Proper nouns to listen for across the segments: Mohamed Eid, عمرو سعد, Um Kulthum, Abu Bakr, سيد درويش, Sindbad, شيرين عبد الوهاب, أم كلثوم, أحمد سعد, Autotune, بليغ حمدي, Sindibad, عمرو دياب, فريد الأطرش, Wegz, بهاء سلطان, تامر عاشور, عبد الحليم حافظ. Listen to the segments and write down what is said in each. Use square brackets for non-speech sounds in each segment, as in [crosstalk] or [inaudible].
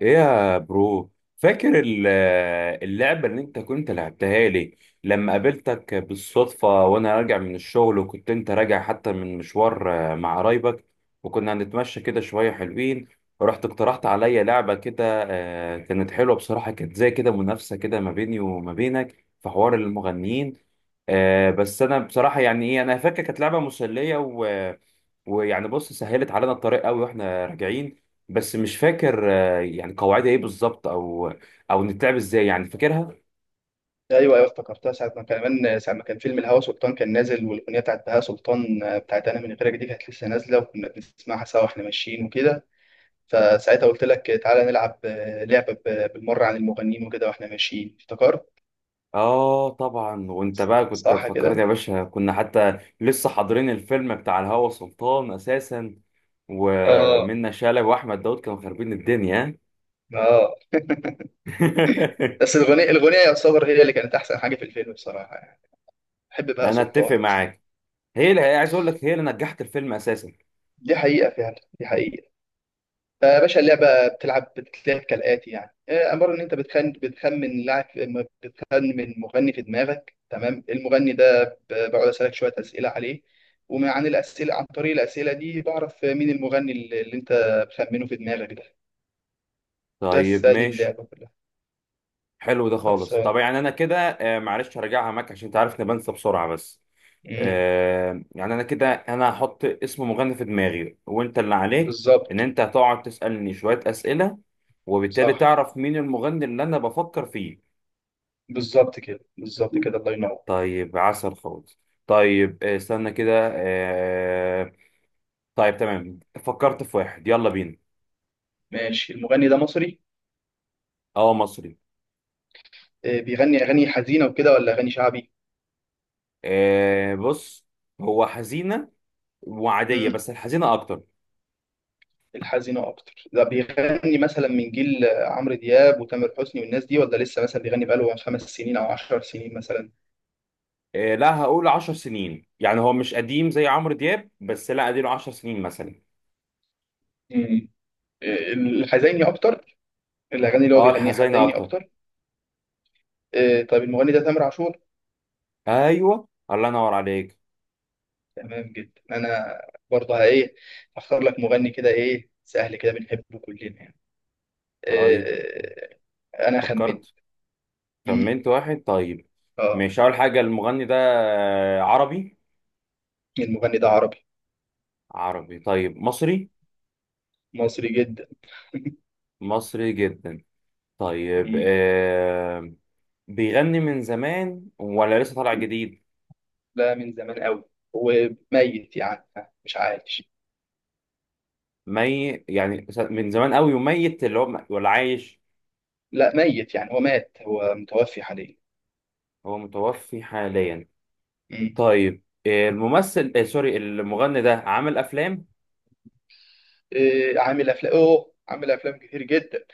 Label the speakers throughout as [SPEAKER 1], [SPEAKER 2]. [SPEAKER 1] ايه يا برو؟ فاكر اللعبة اللي انت كنت لعبتها لي لما قابلتك بالصدفة وانا راجع من الشغل، وكنت انت راجع حتى من مشوار مع قرايبك، وكنا هنتمشى كده شوية حلوين، ورحت اقترحت عليا لعبة كده. كانت حلوة بصراحة، كانت زي كده منافسة كده ما بيني وما بينك في حوار
[SPEAKER 2] ايوه
[SPEAKER 1] المغنيين. بس انا بصراحة يعني ايه، انا فاكر كانت لعبة مسلية ويعني بص، سهلت علينا الطريق قوي واحنا راجعين. بس مش فاكر يعني قواعدها ايه بالظبط، او نتلعب ازاي، يعني فاكرها؟
[SPEAKER 2] ايوه، افتكرتها ساعه ما كان، كمان ساعه ما كان فيلم الهوى سلطان كان نازل، والاغنيه بتاعت بهاء سلطان، بتاعت انا من غيرك دي كانت لسه نازله، وكنا بنسمعها سوا واحنا ماشيين وكده. فساعتها قلت لك تعالى نلعب لعبه بالمره عن المغنيين وكده واحنا ماشيين، افتكرت
[SPEAKER 1] اه طبعا، وانت بقى كنت
[SPEAKER 2] صح كده؟
[SPEAKER 1] فكرني يا باشا. كنا حتى لسه حاضرين الفيلم بتاع الهوى سلطان اساسا،
[SPEAKER 2] اه،
[SPEAKER 1] ومنة شلبي واحمد داود كانوا خاربين الدنيا.
[SPEAKER 2] اه.
[SPEAKER 1] [laughs]
[SPEAKER 2] بس الاغنيه يعتبر هي اللي كانت احسن حاجه في الفيلم بصراحه يعني. بحب بهاء
[SPEAKER 1] انا اتفق
[SPEAKER 2] سلطان اصلا.
[SPEAKER 1] معاك، هي اللي عايز اقول لك، هي اللي نجحت الفيلم اساسا.
[SPEAKER 2] دي حقيقه فعلا، دي حقيقه. فيا باشا اللعبة بتتلعب كالآتي يعني، عبارة إن أنت بتخمن لاعب، بتخمن مغني في دماغك. تمام؟ المغني ده بقعد أسألك شوية أسئلة عليه، عن عن طريق الأسئلة دي بعرف مين المغني اللي أنت بتخمنه في دماغك ده. بس
[SPEAKER 1] طيب
[SPEAKER 2] هذه
[SPEAKER 1] ماشي،
[SPEAKER 2] اللعبة كلها.
[SPEAKER 1] حلو ده خالص. طب
[SPEAKER 2] خلصان.
[SPEAKER 1] يعني انا كده، معلش هرجعها معاك عشان تعرف اني بنسى بسرعه بس.
[SPEAKER 2] مم.
[SPEAKER 1] يعني انا كده، انا هحط اسم مغني في دماغي، وانت اللي عليك ان
[SPEAKER 2] بالظبط.
[SPEAKER 1] انت هتقعد تسألني شوية اسئلة، وبالتالي
[SPEAKER 2] صح
[SPEAKER 1] تعرف مين المغني اللي انا بفكر فيه.
[SPEAKER 2] بالظبط كده، بالظبط كده، الله ينور.
[SPEAKER 1] طيب عسل خالص. طيب استنى كده، طيب تمام، فكرت في واحد يلا بينا.
[SPEAKER 2] ماشي، المغني ده مصري؟
[SPEAKER 1] اه مصري.
[SPEAKER 2] بيغني أغاني حزينة وكده ولا أغاني شعبي؟
[SPEAKER 1] بص، هو حزينة وعادية بس الحزينة اكتر.
[SPEAKER 2] الحزينة أكتر؟ ده بيغني مثلا من جيل عمرو دياب وتامر حسني والناس دي، ولا لسه مثلا بيغني بقاله خمس سنين أو عشر سنين مثلا؟
[SPEAKER 1] لا هقول عشر سنين، يعني هو مش قديم زي عمرو دياب، بس لا اديله عشر سنين مثلا.
[SPEAKER 2] مم. الحزيني أكتر؟ الأغاني اللي هو
[SPEAKER 1] اه
[SPEAKER 2] بيغنيها
[SPEAKER 1] الحزينة
[SPEAKER 2] حزيني
[SPEAKER 1] اكتر.
[SPEAKER 2] أكتر؟ طيب، المغني ده تامر عاشور.
[SPEAKER 1] ايوه الله ينور عليك.
[SPEAKER 2] تمام جدا. أنا برضه إيه، هختار لك مغني كده، إيه، سهل كده، بنحبه كلنا يعني.
[SPEAKER 1] طيب
[SPEAKER 2] آه. أنا خمن.
[SPEAKER 1] فكرت،
[SPEAKER 2] مم.
[SPEAKER 1] خمنت واحد. طيب
[SPEAKER 2] آه،
[SPEAKER 1] مش اول حاجه، المغني ده عربي.
[SPEAKER 2] المغني ده عربي؟
[SPEAKER 1] عربي. طيب مصري.
[SPEAKER 2] مصري جدا؟ [laughs]
[SPEAKER 1] مصري جدا. طيب
[SPEAKER 2] مم.
[SPEAKER 1] بيغني من زمان ولا لسه طالع جديد؟
[SPEAKER 2] لا، من زمان قوي، وميت يعني، مش عايش.
[SPEAKER 1] يعني من زمان قوي وميت، اللي هو ولا عايش؟
[SPEAKER 2] لا، ميت يعني، هو مات، هو متوفي حاليا.
[SPEAKER 1] هو متوفي حاليا.
[SPEAKER 2] مم.
[SPEAKER 1] طيب الممثل آه سوري، المغني ده عامل افلام؟
[SPEAKER 2] إيه عامل افلام؟ اوه، عامل افلام كتير جدا.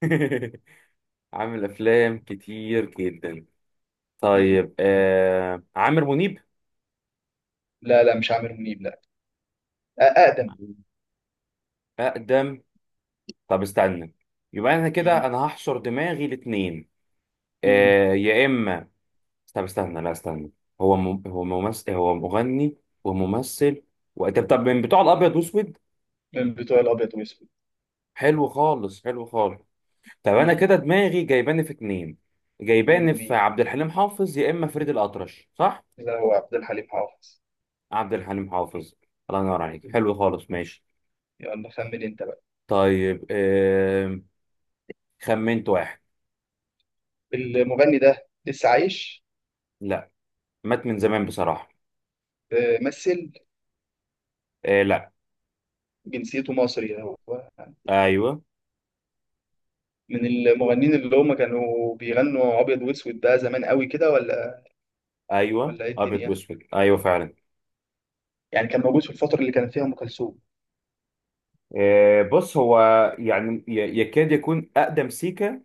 [SPEAKER 1] [laughs] عامل افلام كتير جدا.
[SPEAKER 2] مم.
[SPEAKER 1] طيب عامر منيب؟
[SPEAKER 2] لا لا، مش عامر منيب، لا. اقدم.
[SPEAKER 1] أقدم. طب استنى، يبقى أنا كده
[SPEAKER 2] مم.
[SPEAKER 1] أنا هحشر دماغي الاتنين.
[SPEAKER 2] مم.
[SPEAKER 1] يا إما، طب استنى، لا استنى. هو ممثل، هو مغني وممثل طب من بتوع الأبيض وأسود.
[SPEAKER 2] من بتوع الابيض والاسود.
[SPEAKER 1] حلو خالص. طب أنا
[SPEAKER 2] مم.
[SPEAKER 1] كده دماغي جايباني في اتنين،
[SPEAKER 2] مين
[SPEAKER 1] جايباني في
[SPEAKER 2] ومين؟
[SPEAKER 1] عبد الحليم حافظ يا إما فريد الأطرش، صح؟
[SPEAKER 2] لا، هو عبد الحليم حافظ.
[SPEAKER 1] عبد الحليم حافظ. الله ينور عليك،
[SPEAKER 2] مم.
[SPEAKER 1] حلو خالص ماشي.
[SPEAKER 2] يلا، خمن انت بقى.
[SPEAKER 1] طيب خمنت واحد.
[SPEAKER 2] المغني ده لسه عايش؟
[SPEAKER 1] لا، مات من زمان بصراحة.
[SPEAKER 2] مثل
[SPEAKER 1] آه لا.
[SPEAKER 2] جنسيته مصري هو؟
[SPEAKER 1] ايوه.
[SPEAKER 2] من المغنيين اللي هم كانوا بيغنوا ابيض واسود، ده زمان قوي كده ولا
[SPEAKER 1] ايوه
[SPEAKER 2] ولا ايه
[SPEAKER 1] ابيض
[SPEAKER 2] الدنيا؟
[SPEAKER 1] واسود، ايوه فعلا.
[SPEAKER 2] يعني كان موجود في الفترة اللي كانت فيها ام كلثوم؟
[SPEAKER 1] بص هو يعني يكاد يكون اقدم سيكا،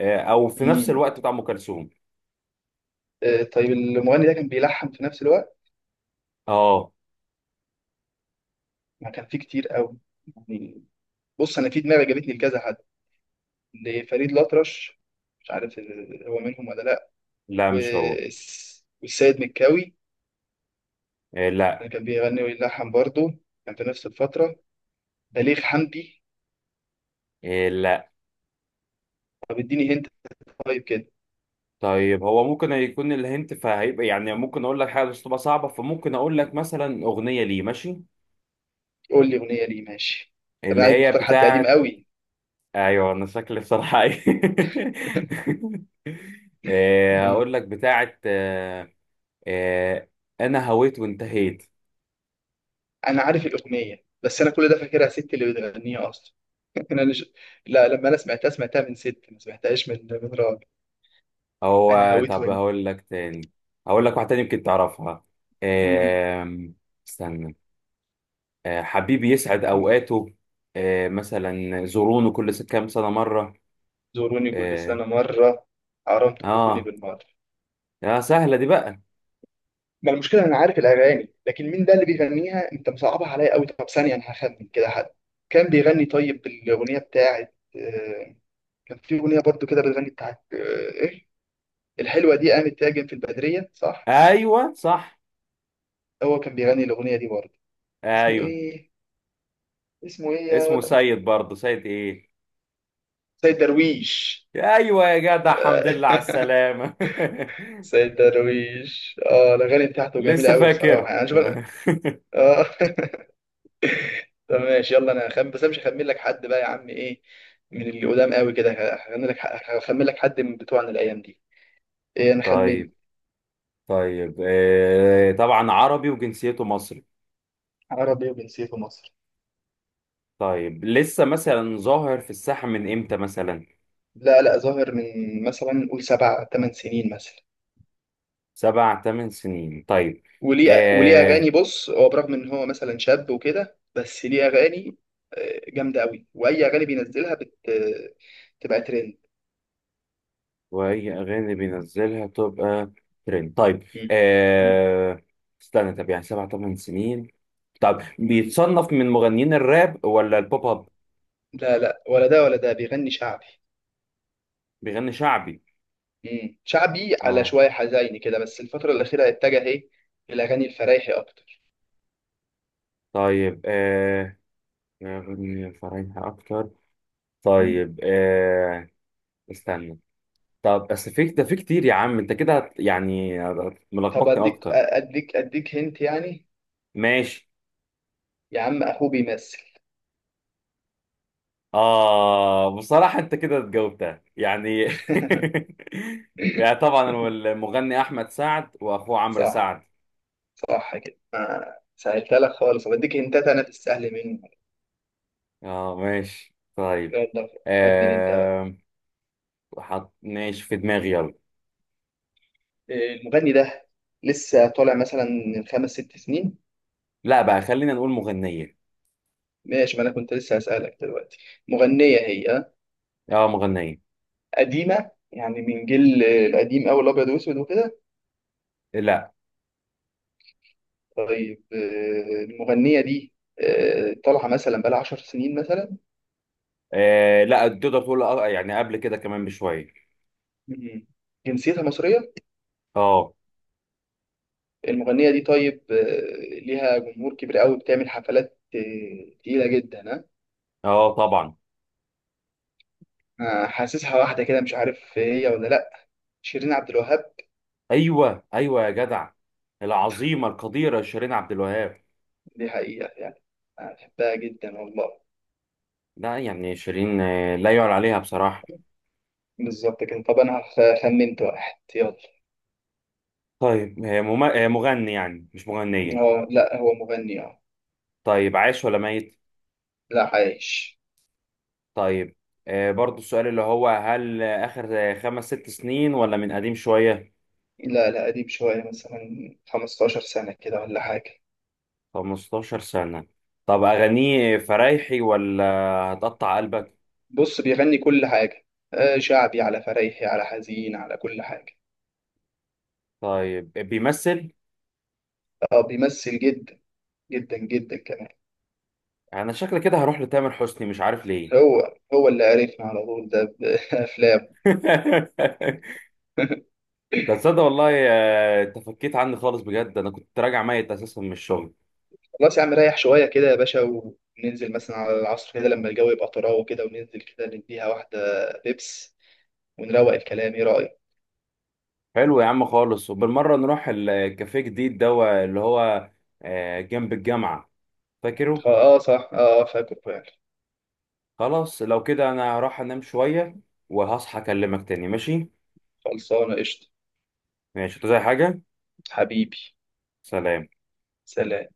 [SPEAKER 1] او في نفس
[SPEAKER 2] مم.
[SPEAKER 1] الوقت بتاع ام كلثوم.
[SPEAKER 2] طيب، المغني ده كان بيلحن في نفس الوقت؟
[SPEAKER 1] اه.
[SPEAKER 2] ما كان فيه كتير قوي يعني. بص، انا في دماغي جابتني لكذا حد، لفريد الأطرش، مش عارف هو منهم ولا لا.
[SPEAKER 1] لا مش هو.
[SPEAKER 2] والسيد مكاوي،
[SPEAKER 1] آه لا.
[SPEAKER 2] ده كان بيغني ويلحن برضه، كان في نفس الفترة. بليغ حمدي.
[SPEAKER 1] آه لا.
[SPEAKER 2] طب اديني هنت، طيب كده.
[SPEAKER 1] طيب هو ممكن يكون الهنت، فهيبقى يعني ممكن اقول لك حاجة بس تبقى صعبة، فممكن اقول لك مثلا اغنية ليه ماشي،
[SPEAKER 2] قول لي أغنية ليه ماشي. طب انا
[SPEAKER 1] اللي
[SPEAKER 2] عارف،
[SPEAKER 1] هي
[SPEAKER 2] مختار حد قديم
[SPEAKER 1] بتاعت.
[SPEAKER 2] قوي.
[SPEAKER 1] ايوه انا شكلي بصراحة [laughs] إيه.
[SPEAKER 2] [laughs] مم.
[SPEAKER 1] هقول لك بتاعت آه، انا هويت وانتهيت.
[SPEAKER 2] انا عارف الاغنيه، بس انا كل ده فاكرها ست اللي بتغنيها اصلا. [laughs] انا مش... لا، لما انا سمعتها سمعتها من ست، ما سمعتهاش من راجل. أنا
[SPEAKER 1] هو
[SPEAKER 2] هويت
[SPEAKER 1] طب
[SPEAKER 2] منه.
[SPEAKER 1] هقول لك تاني، هقول لك واحده تاني يمكن تعرفها.
[SPEAKER 2] مم.
[SPEAKER 1] آم، استنى، حبيبي يسعد اوقاته، مثلا زورونه كل كام سنه مره.
[SPEAKER 2] زوروني كل
[SPEAKER 1] اه.
[SPEAKER 2] سنة مرة، حرام تفوتوني
[SPEAKER 1] اه.
[SPEAKER 2] بالمرة.
[SPEAKER 1] سهله دي بقى.
[SPEAKER 2] ما المشكلة، أنا عارف الأغاني، لكن مين ده اللي بيغنيها؟ أنت مصعبها عليا أوي. طب ثانية، أنا هخمن كده حد كان بيغني. طيب الأغنية بتاعت كان في أغنية برضو كده بتغني بتاعت إيه، الحلوة دي قامت تهاجم في البدرية، صح؟
[SPEAKER 1] ايوه صح.
[SPEAKER 2] هو كان بيغني الأغنية دي برضو؟ اسمه
[SPEAKER 1] ايوه.
[SPEAKER 2] إيه؟ اسمه إيه يا
[SPEAKER 1] اسمه
[SPEAKER 2] ولد؟
[SPEAKER 1] سيد، برضه سيد ايه.
[SPEAKER 2] سيد درويش.
[SPEAKER 1] ايوه يا جدع،
[SPEAKER 2] [laughs]
[SPEAKER 1] الحمد لله على السلامه.
[SPEAKER 2] سيد درويش، اه، الاغاني
[SPEAKER 1] [laughs]
[SPEAKER 2] بتاعته جميله
[SPEAKER 1] لسه
[SPEAKER 2] قوي بصراحه
[SPEAKER 1] فاكر
[SPEAKER 2] يعني. أنا شوف.
[SPEAKER 1] [laughs]
[SPEAKER 2] اه. [laughs] طب ماشي، يلا، انا هخم، بس انا مش هخمن لك حد بقى يا عم، ايه، من اللي قدام قوي كده. هخمن لك، هخمن لك حد من بتوعنا الايام دي. إيه، انا خمنت.
[SPEAKER 1] طيب. طيب طبعا عربي وجنسيته مصري.
[SPEAKER 2] عربي وجنسيته مصري؟
[SPEAKER 1] طيب لسه مثلا ظاهر في الساحة من امتى مثلا؟
[SPEAKER 2] لا لا، ظاهر من مثلا نقول سبع ثمان سنين مثلا.
[SPEAKER 1] سبع تمن سنين طيب.
[SPEAKER 2] وليه
[SPEAKER 1] آه
[SPEAKER 2] اغاني. بص، هو برغم ان هو مثلا شاب وكده، بس ليه اغاني جامده قوي، واي اغاني بينزلها بت... تبقى ترند.
[SPEAKER 1] وأي أغاني بينزلها تبقى ترند. طيب
[SPEAKER 2] مم. مم.
[SPEAKER 1] آه استنى، طب يعني سبع تمن سنين؟ طب
[SPEAKER 2] مم.
[SPEAKER 1] بيتصنف من مغنيين الراب ولا البوب اب؟
[SPEAKER 2] لا لا، ولا ده ولا ده، بيغني شعبي.
[SPEAKER 1] بيغني شعبي.
[SPEAKER 2] مم. شعبي على
[SPEAKER 1] اه.
[SPEAKER 2] شوية حزيني كده، بس الفترة الأخيرة اتجه إيه، الأغاني الفرايحي أكتر.
[SPEAKER 1] طيب أغنية فرايحة أكتر.
[SPEAKER 2] مم.
[SPEAKER 1] طيب استنى، طب بس في ده في كتير يا عم، انت كده يعني
[SPEAKER 2] طب
[SPEAKER 1] ملخبطني
[SPEAKER 2] أديك
[SPEAKER 1] اكتر.
[SPEAKER 2] أديك أديك هنت يعني.
[SPEAKER 1] ماشي.
[SPEAKER 2] يا عم أخوه بيمثل.
[SPEAKER 1] بصراحة أنت كده جاوبتها يعني. [laughs] يعني
[SPEAKER 2] [laughs]
[SPEAKER 1] طبعا هو المغني أحمد سعد، وأخوه عمرو
[SPEAKER 2] صح،
[SPEAKER 1] سعد.
[SPEAKER 2] صح كده. آه. سهلتها لك خالص. طب أديك هنتات، أنا في السهل منه.
[SPEAKER 1] آه ماشي طيب.
[SPEAKER 2] يلا خمن أنت بقى.
[SPEAKER 1] آه حط ماشي في دماغي يلا.
[SPEAKER 2] إيه، المغني ده لسه طالع مثلا من خمس ست سنين؟
[SPEAKER 1] لا بقى، خلينا نقول مغنية.
[SPEAKER 2] ماشي، ما أنا كنت لسه هسألك دلوقتي. مغنية هي، آه؟
[SPEAKER 1] آه مغنية.
[SPEAKER 2] قديمة يعني، من جيل القديم أوي الأبيض وأسود وكده؟
[SPEAKER 1] لا.
[SPEAKER 2] طيب المغنية دي طالعة مثلا بقالها 10 سنين مثلا؟
[SPEAKER 1] لا تقدر تقول، يعني قبل كده كمان بشوية.
[SPEAKER 2] مم. جنسيتها مصرية؟
[SPEAKER 1] آه.
[SPEAKER 2] المغنية دي طيب ليها جمهور كبير قوي، بتعمل حفلات تقيلة جدا، ها؟
[SPEAKER 1] آه طبعا.
[SPEAKER 2] حاسسها واحدة كده، مش عارف هي ولا لأ. شيرين عبد الوهاب؟
[SPEAKER 1] أيوه أيوه يا جدع، العظيمة القديرة شيرين عبد الوهاب.
[SPEAKER 2] دي حقيقة يعني، أنا بحبها جدا والله.
[SPEAKER 1] لا يعني شيرين، لا يعلى عليها بصراحة.
[SPEAKER 2] بالظبط كده. طب أنا خمنت واحد، يلا.
[SPEAKER 1] طيب هي مغني، يعني مش مغنية.
[SPEAKER 2] هو لأ، هو مغني، اه.
[SPEAKER 1] طيب عايش ولا ميت؟
[SPEAKER 2] لا، عايش.
[SPEAKER 1] طيب برضو السؤال اللي هو هل آخر خمس ست سنين ولا من قديم شوية؟
[SPEAKER 2] لا لا، قديم شوية، مثلا 15 سنة كده ولا حاجة.
[SPEAKER 1] 15 سنة. طب أغانيه فرايحي ولا هتقطع قلبك؟
[SPEAKER 2] بص بيغني كل حاجة، شعبي على فريحي على حزين، على كل حاجة.
[SPEAKER 1] طيب بيمثل.
[SPEAKER 2] اه بيمثل، جدا جدا جدا كمان.
[SPEAKER 1] أنا شكل كده هروح لتامر حسني، مش عارف ليه.
[SPEAKER 2] هو هو اللي عرفنا على طول ده بأفلام.
[SPEAKER 1] [laughs]
[SPEAKER 2] [laughs]
[SPEAKER 1] ده تصدق والله، تفكيت عني خالص بجد، أنا كنت راجع ميت أساسا من الشغل.
[SPEAKER 2] خلاص يا عم، ريح شوية كده يا باشا، وننزل مثلا على العصر كده لما الجو يبقى طراوة كده، وننزل كده نديها واحدة بيبس، ونروق الكلام، ايه رأيك؟
[SPEAKER 1] حلو يا عم خالص، وبالمرة نروح الكافيه جديد ده اللي هو جنب الجامعة، فاكره؟
[SPEAKER 2] اه صح، اه، فاكر فعلا.
[SPEAKER 1] خلاص لو كده انا هروح انام شوية، وهصحى اكلمك تاني، ماشي؟
[SPEAKER 2] خلصانة، قشطة.
[SPEAKER 1] ماشي انت زي حاجة.
[SPEAKER 2] حبيبي،
[SPEAKER 1] سلام.
[SPEAKER 2] سلام.